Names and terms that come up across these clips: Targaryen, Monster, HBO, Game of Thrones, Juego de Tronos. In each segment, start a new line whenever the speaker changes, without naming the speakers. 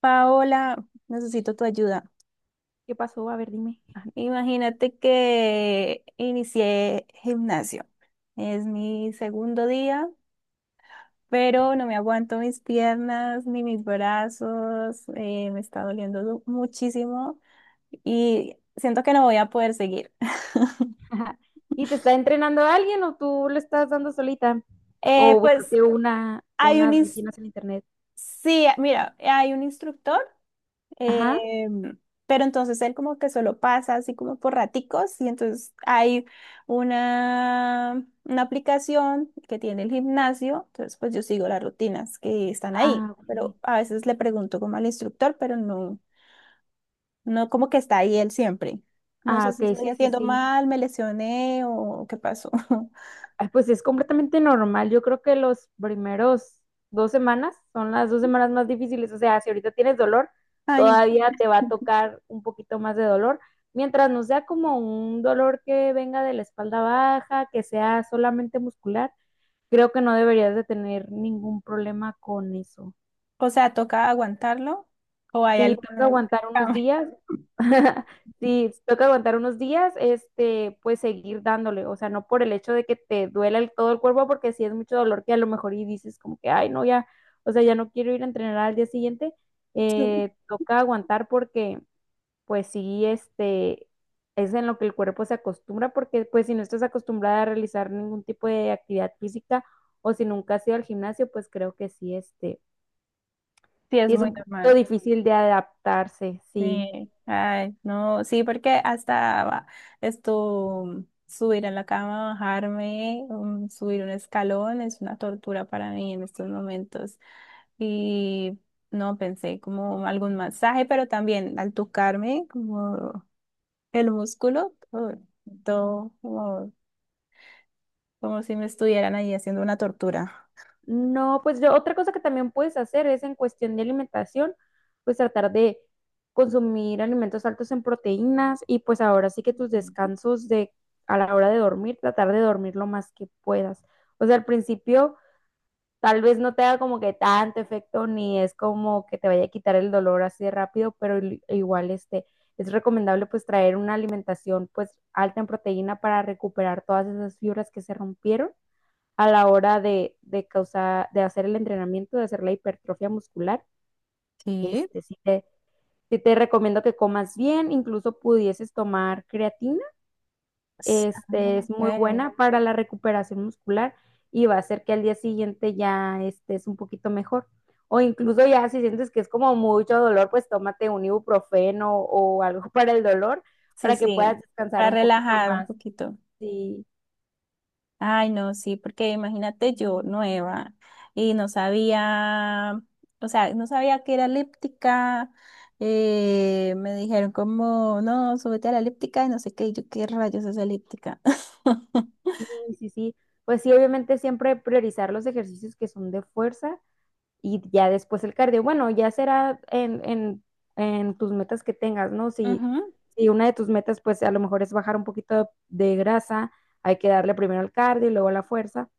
Paola, necesito tu ayuda.
¿Qué pasó? A ver, dime.
Imagínate que inicié gimnasio. Es mi segundo día, pero no me aguanto mis piernas ni mis brazos. Me está doliendo muchísimo y siento que no voy a poder seguir.
¿Y te está entrenando alguien o tú lo estás dando solita? ¿O
Pues
buscaste una,
hay un,
unas
ins-
rutinas en internet?
sí, mira, hay un instructor.
Ajá.
Em, pero entonces él como que solo pasa así como por raticos, y entonces hay una aplicación que tiene el gimnasio. Entonces pues yo sigo las rutinas que están ahí,
Ah, ok.
pero a veces le pregunto como al instructor, pero no, no como que está ahí él siempre. No
Ah,
sé si
ok,
estoy
sí, sí,
haciendo
sí.
mal, me lesioné o qué pasó.
Ah, pues es completamente normal. Yo creo que los primeros 2 semanas son las 2 semanas más difíciles. O sea, si ahorita tienes dolor,
Ay,
todavía te va a tocar un poquito más de dolor. Mientras no sea como un dolor que venga de la espalda baja, que sea solamente muscular, creo que no deberías de tener ningún problema con eso.
o sea, ¿toca aguantarlo o hay
Si toca
algún...?
aguantar unos días, si toca aguantar unos días, este, pues seguir dándole, o sea, no por el hecho de que te duela todo el cuerpo, porque si es mucho dolor que a lo mejor y dices como que, ay, no, ya, o sea, ya no quiero ir a entrenar al día siguiente.
Sí,
Toca aguantar porque pues sí, este, es en lo que el cuerpo se acostumbra, porque pues si no estás acostumbrada a realizar ningún tipo de actividad física o si nunca has ido al gimnasio, pues creo que sí, este,
sí,
sí
es
es
muy
un poquito
normal.
difícil de adaptarse, sí.
Sí, ay, no, sí, porque hasta esto, subir a la cama, bajarme, subir un escalón es una tortura para mí en estos momentos. Y no pensé como algún masaje, pero también al tocarme como el músculo, todo, todo como, como si me estuvieran ahí haciendo una tortura.
No, pues yo, otra cosa que también puedes hacer es en cuestión de alimentación, pues tratar de consumir alimentos altos en proteínas y pues ahora sí que tus descansos de a la hora de dormir, tratar de dormir lo más que puedas. O sea, al principio tal vez no te haga como que tanto efecto, ni es como que te vaya a quitar el dolor así de rápido, pero igual este, es recomendable pues traer una alimentación pues alta en proteína para recuperar todas esas fibras que se rompieron a la hora de causar, de hacer el entrenamiento, de hacer la hipertrofia muscular.
Sí.
Este, sí te recomiendo que comas bien, incluso pudieses tomar creatina,
Ah,
este, es muy
ok.
buena para la recuperación muscular y va a hacer que al día siguiente ya estés un poquito mejor. O incluso ya si sientes que es como mucho dolor, pues tómate un ibuprofeno o algo para el dolor
Sí,
para que
sí,
puedas descansar
para
un poquito
relajar un
más.
poquito.
Sí,
Ay, no, sí, porque imagínate, yo nueva y no sabía, o sea, no sabía que era elíptica. Me dijeron como, no, súbete a la elíptica y no sé qué, y yo, ¿qué rayos es elíptica?
sí, sí, sí. Pues sí, obviamente siempre priorizar los ejercicios que son de fuerza y ya después el cardio. Bueno, ya será en, en tus metas que tengas, ¿no? Si,
Ujú.
si una de tus metas, pues a lo mejor es bajar un poquito de grasa, hay que darle primero al cardio y luego a la fuerza,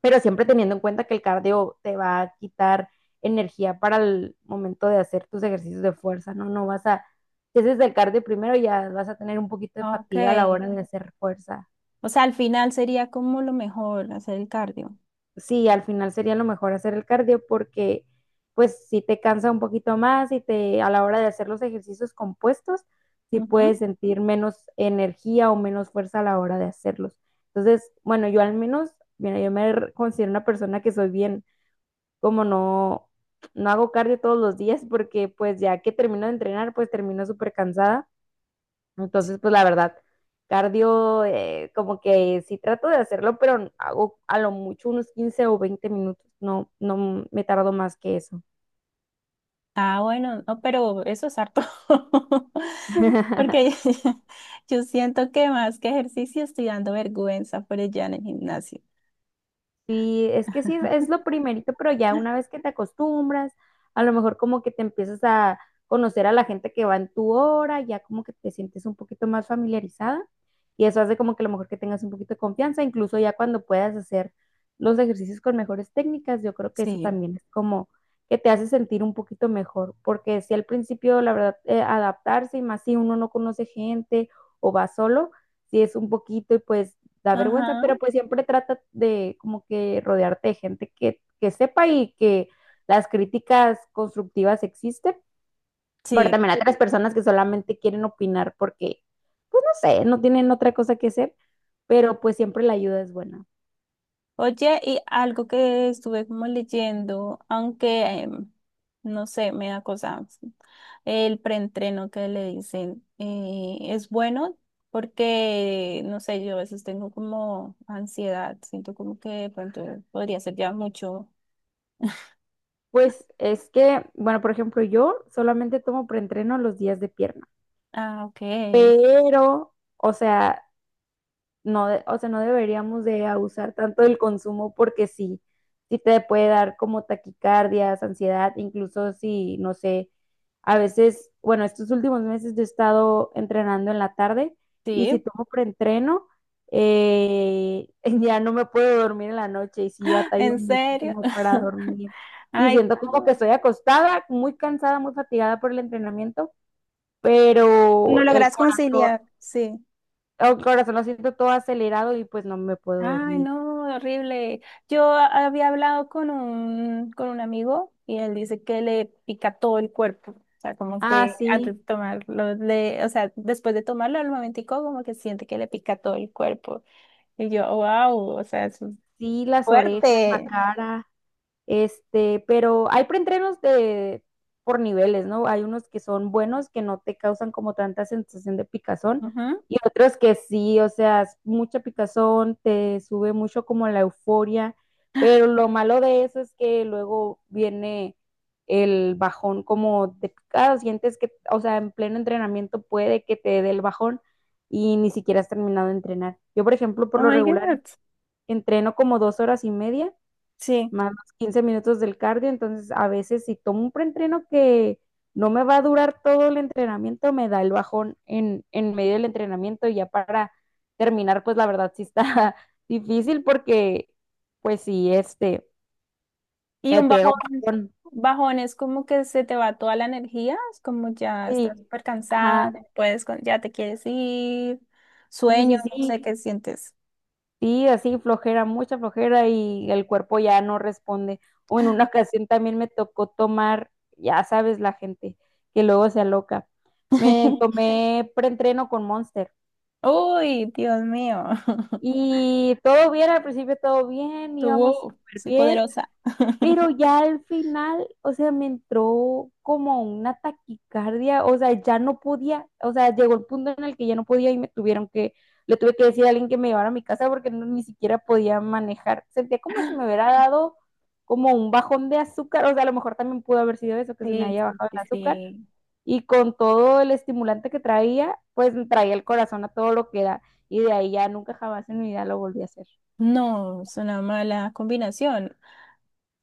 pero siempre teniendo en cuenta que el cardio te va a quitar energía para el momento de hacer tus ejercicios de fuerza, ¿no? Si haces el cardio primero ya vas a tener un poquito de
Ok,
fatiga a la hora de hacer fuerza.
o sea, al final sería como lo mejor hacer el cardio.
Sí, al final sería lo mejor hacer el cardio porque pues si te cansa un poquito más y te a la hora de hacer los ejercicios compuestos, sí puedes
Ujú.
sentir menos energía o menos fuerza a la hora de hacerlos. Entonces, bueno, yo al menos, mira, yo me considero una persona que soy bien, como no, no hago cardio todos los días porque pues ya que termino de entrenar, pues termino súper cansada. Entonces, pues la verdad, cardio, como que sí trato de hacerlo, pero hago a lo mucho unos 15 o 20 minutos, no, no me tardo más que eso.
Ah, bueno, no, pero eso es harto. Porque yo siento que más que ejercicio estoy dando vergüenza por allá en el gimnasio.
Sí, es que sí, es lo primerito, pero ya una vez que te acostumbras, a lo mejor como que te empiezas a conocer a la gente que va en tu hora, ya como que te sientes un poquito más familiarizada y eso hace como que a lo mejor que tengas un poquito de confianza, incluso ya cuando puedas hacer los ejercicios con mejores técnicas, yo creo que eso
Sí,
también es como que te hace sentir un poquito mejor, porque si al principio, la verdad, adaptarse y más si uno no conoce gente o va solo, si es un poquito y pues da vergüenza,
ajá,
pero pues siempre trata de como que rodearte de gente que sepa y que las críticas constructivas existen. Pero
sí.
también hay otras personas que solamente quieren opinar porque, pues no sé, no tienen otra cosa que hacer, pero pues siempre la ayuda es buena.
Oye, y algo que estuve como leyendo, aunque no sé, me da cosa, el preentreno que le dicen, es bueno porque, no sé, yo a veces tengo como ansiedad, siento como que de pronto podría ser ya mucho.
Pues es que, bueno, por ejemplo, yo solamente tomo preentreno los días de pierna,
Ah, ok,
pero, o sea, no, o sea, no deberíamos de abusar tanto del consumo porque sí, sí te puede dar como taquicardias, ansiedad, incluso si, no sé, a veces, bueno, estos últimos meses yo he estado entrenando en la tarde y
sí,
si tomo preentreno, ya no me puedo dormir en la noche y sí batallo
¿en serio?
muchísimo para dormir. Y
Ay,
siento como que
no,
estoy acostada, muy cansada, muy fatigada por el entrenamiento,
no
pero el
logras
corazón,
conciliar, sí.
oh, corazón, lo siento todo acelerado y pues no me puedo
Ay,
dormir.
no, horrible. Yo había hablado con un amigo y él dice que le pica todo el cuerpo. O sea, como
Ah,
que
sí,
antes de tomarlo, o sea, después de tomarlo al momentico, como que siente que le pica todo el cuerpo. Y yo, wow, o sea, eso es
sí, las orejas, la
fuerte.
cara. Este, pero hay preentrenos de por niveles, ¿no? Hay unos que son buenos, que no te causan como tanta sensación de picazón,
Ujú.
y otros que sí, o sea, es mucha picazón, te sube mucho como la euforia, pero lo malo de eso es que luego viene el bajón como de picado, sientes que, o sea, en pleno entrenamiento puede que te dé el bajón y ni siquiera has terminado de entrenar. Yo, por ejemplo, por
Oh
lo
my
regular
God.
entreno como 2 horas y media
Sí.
más los 15 minutos del cardio, entonces a veces si tomo un preentreno que no me va a durar todo el entrenamiento, me da el bajón en medio del entrenamiento y ya para terminar, pues la verdad sí está difícil porque pues sí, este,
Y
me
un
pega un
bajón,
bajón,
bajón es como que se te va toda la energía, es como ya
sí,
estás súper cansada,
ajá,
ya no puedes, ya te quieres ir,
sí,
sueño,
sí,
no
sí.
sé qué sientes.
Sí, así flojera, mucha flojera y el cuerpo ya no responde. O en una ocasión también me tocó tomar, ya sabes, la gente que luego se aloca. Me tomé preentreno con Monster
Uy, Dios mío.
y todo bien, al principio todo bien,
Tú,
íbamos
wow,
súper
soy
bien.
poderosa.
Pero ya al final, o sea, me entró como una taquicardia, o sea, ya no podía, o sea, llegó el punto en el que ya no podía y le tuve que decir a alguien que me llevara a mi casa porque no, ni siquiera podía manejar. Sentía como si me hubiera dado como un bajón de azúcar, o sea, a lo mejor también pudo haber sido eso, que se me
Sí,
haya
sí,
bajado
sí,
el azúcar,
sí.
y con todo el estimulante que traía, pues traía el corazón a todo lo que da, y de ahí ya nunca jamás en mi vida lo volví a hacer.
No, es una mala combinación.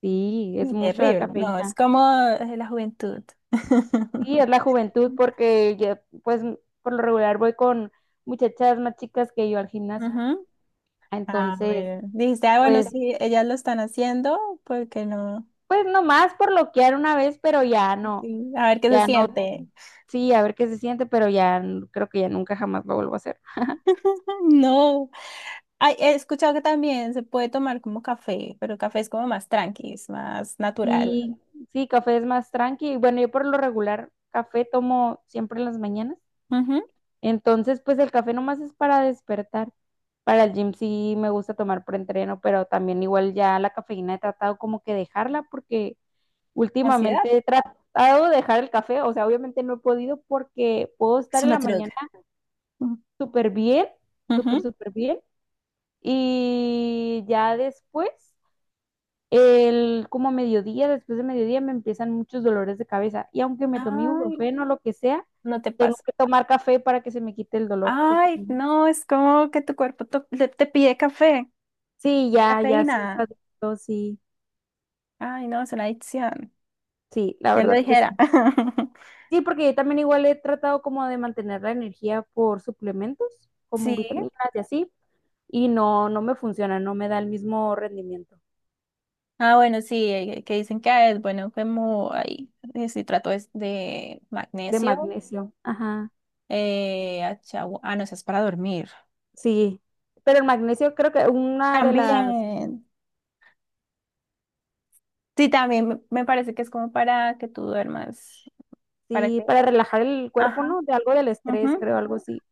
Sí, es
Y
mucha
terrible. No, es
cafeína.
como la juventud.
Sí, es la juventud porque yo, pues, por lo regular voy con muchachas más chicas que yo al gimnasio.
Ujú. Ah,
Entonces,
bueno. Dijiste, ah, bueno,
pues,
sí, ellas lo están haciendo, ¿porque no?
pues nomás por loquear una vez, pero ya no,
Sí, a ver qué se
ya no,
siente.
sí, a ver qué se siente, pero ya creo que ya nunca jamás lo vuelvo a hacer.
No. Ay, he escuchado que también se puede tomar como café, pero el café es como más tranqui, es más natural.
Sí, sí, café es más tranqui. Bueno, yo por lo regular café tomo siempre en las mañanas.
Ujú.
Entonces, pues el café nomás es para despertar. Para el gym sí me gusta tomar preentreno, pero también igual ya la cafeína he tratado como que dejarla porque
Ansiedad.
últimamente he tratado de dejar el café, o sea, obviamente no he podido porque puedo
Es
estar en
una
la
droga.
mañana súper bien, súper,
Ujú.
súper bien. Y ya después, como a mediodía, después de mediodía me empiezan muchos dolores de cabeza. Y aunque me tomé
Ay,
ibuprofeno o lo que sea,
no te
tengo
pasa.
que tomar café para que se me quite el dolor. Porque si
Ay,
no-
no, es como que tu cuerpo te, pide café,
sí, ya, ya, sí,
cafeína.
adicto, sí,
Ay, no, es una adicción.
sí, la
Ya lo
verdad que
dijera.
sí. Sí, porque yo también igual he tratado como de mantener la energía por suplementos, como
Sí.
vitaminas y así, y no, no me funciona, no me da el mismo rendimiento
Ah, bueno, sí, que dicen que ah, es bueno como ahí, si trato es de
de
magnesio,
magnesio. Ajá,
ah, no, eso es para dormir.
sí. Pero el magnesio creo que una de las,
También. Sí, también me parece que es como para que tú duermas, para
sí,
que,
para relajar el cuerpo,
ajá,
¿no? De algo del estrés,
ujú.
creo, algo así.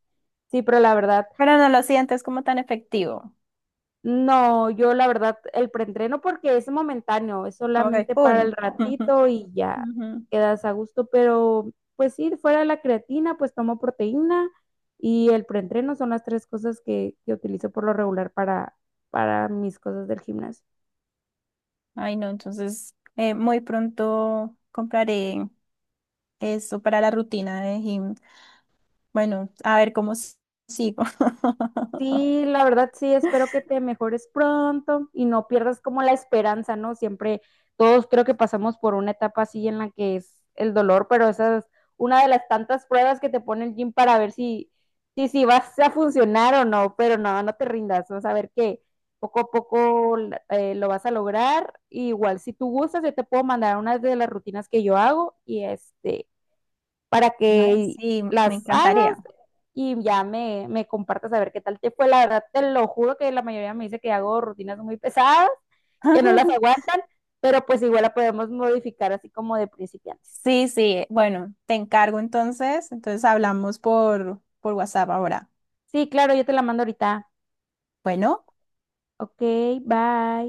Sí, pero la verdad,
Pero no lo sientes como tan efectivo.
no, yo la verdad, el preentreno porque es momentáneo, es
Como
solamente para el
iPhone.
ratito y ya
Ujú.
quedas a gusto, pero pues sí, fuera de la creatina, pues tomo proteína y el preentreno son las tres cosas que utilizo por lo regular para, mis cosas del gimnasio.
Ay, no, entonces, muy pronto compraré eso para la rutina de gym. Bueno, a ver cómo sigo.
Sí, la verdad sí, espero que te mejores pronto y no pierdas como la esperanza, ¿no? Siempre todos creo que pasamos por una etapa así en la que es el dolor, pero esa es una de las tantas pruebas que te pone el gym para ver si, si vas a funcionar o no, pero no, no te rindas, vas a ver que poco a poco lo vas a lograr. Igual, si tú gustas, yo te puedo mandar una de las rutinas que yo hago y este, para
Ay,
que
sí, me
las
encantaría.
hagas y ya me compartas a ver qué tal te fue. La verdad, te lo juro que la mayoría me dice que hago rutinas muy pesadas, que no las aguantan, pero pues igual la podemos modificar así como de principiantes.
Sí, sí, bueno, te encargo entonces. Entonces hablamos por WhatsApp ahora.
Sí, claro, yo te la mando ahorita.
Bueno.
Ok, bye.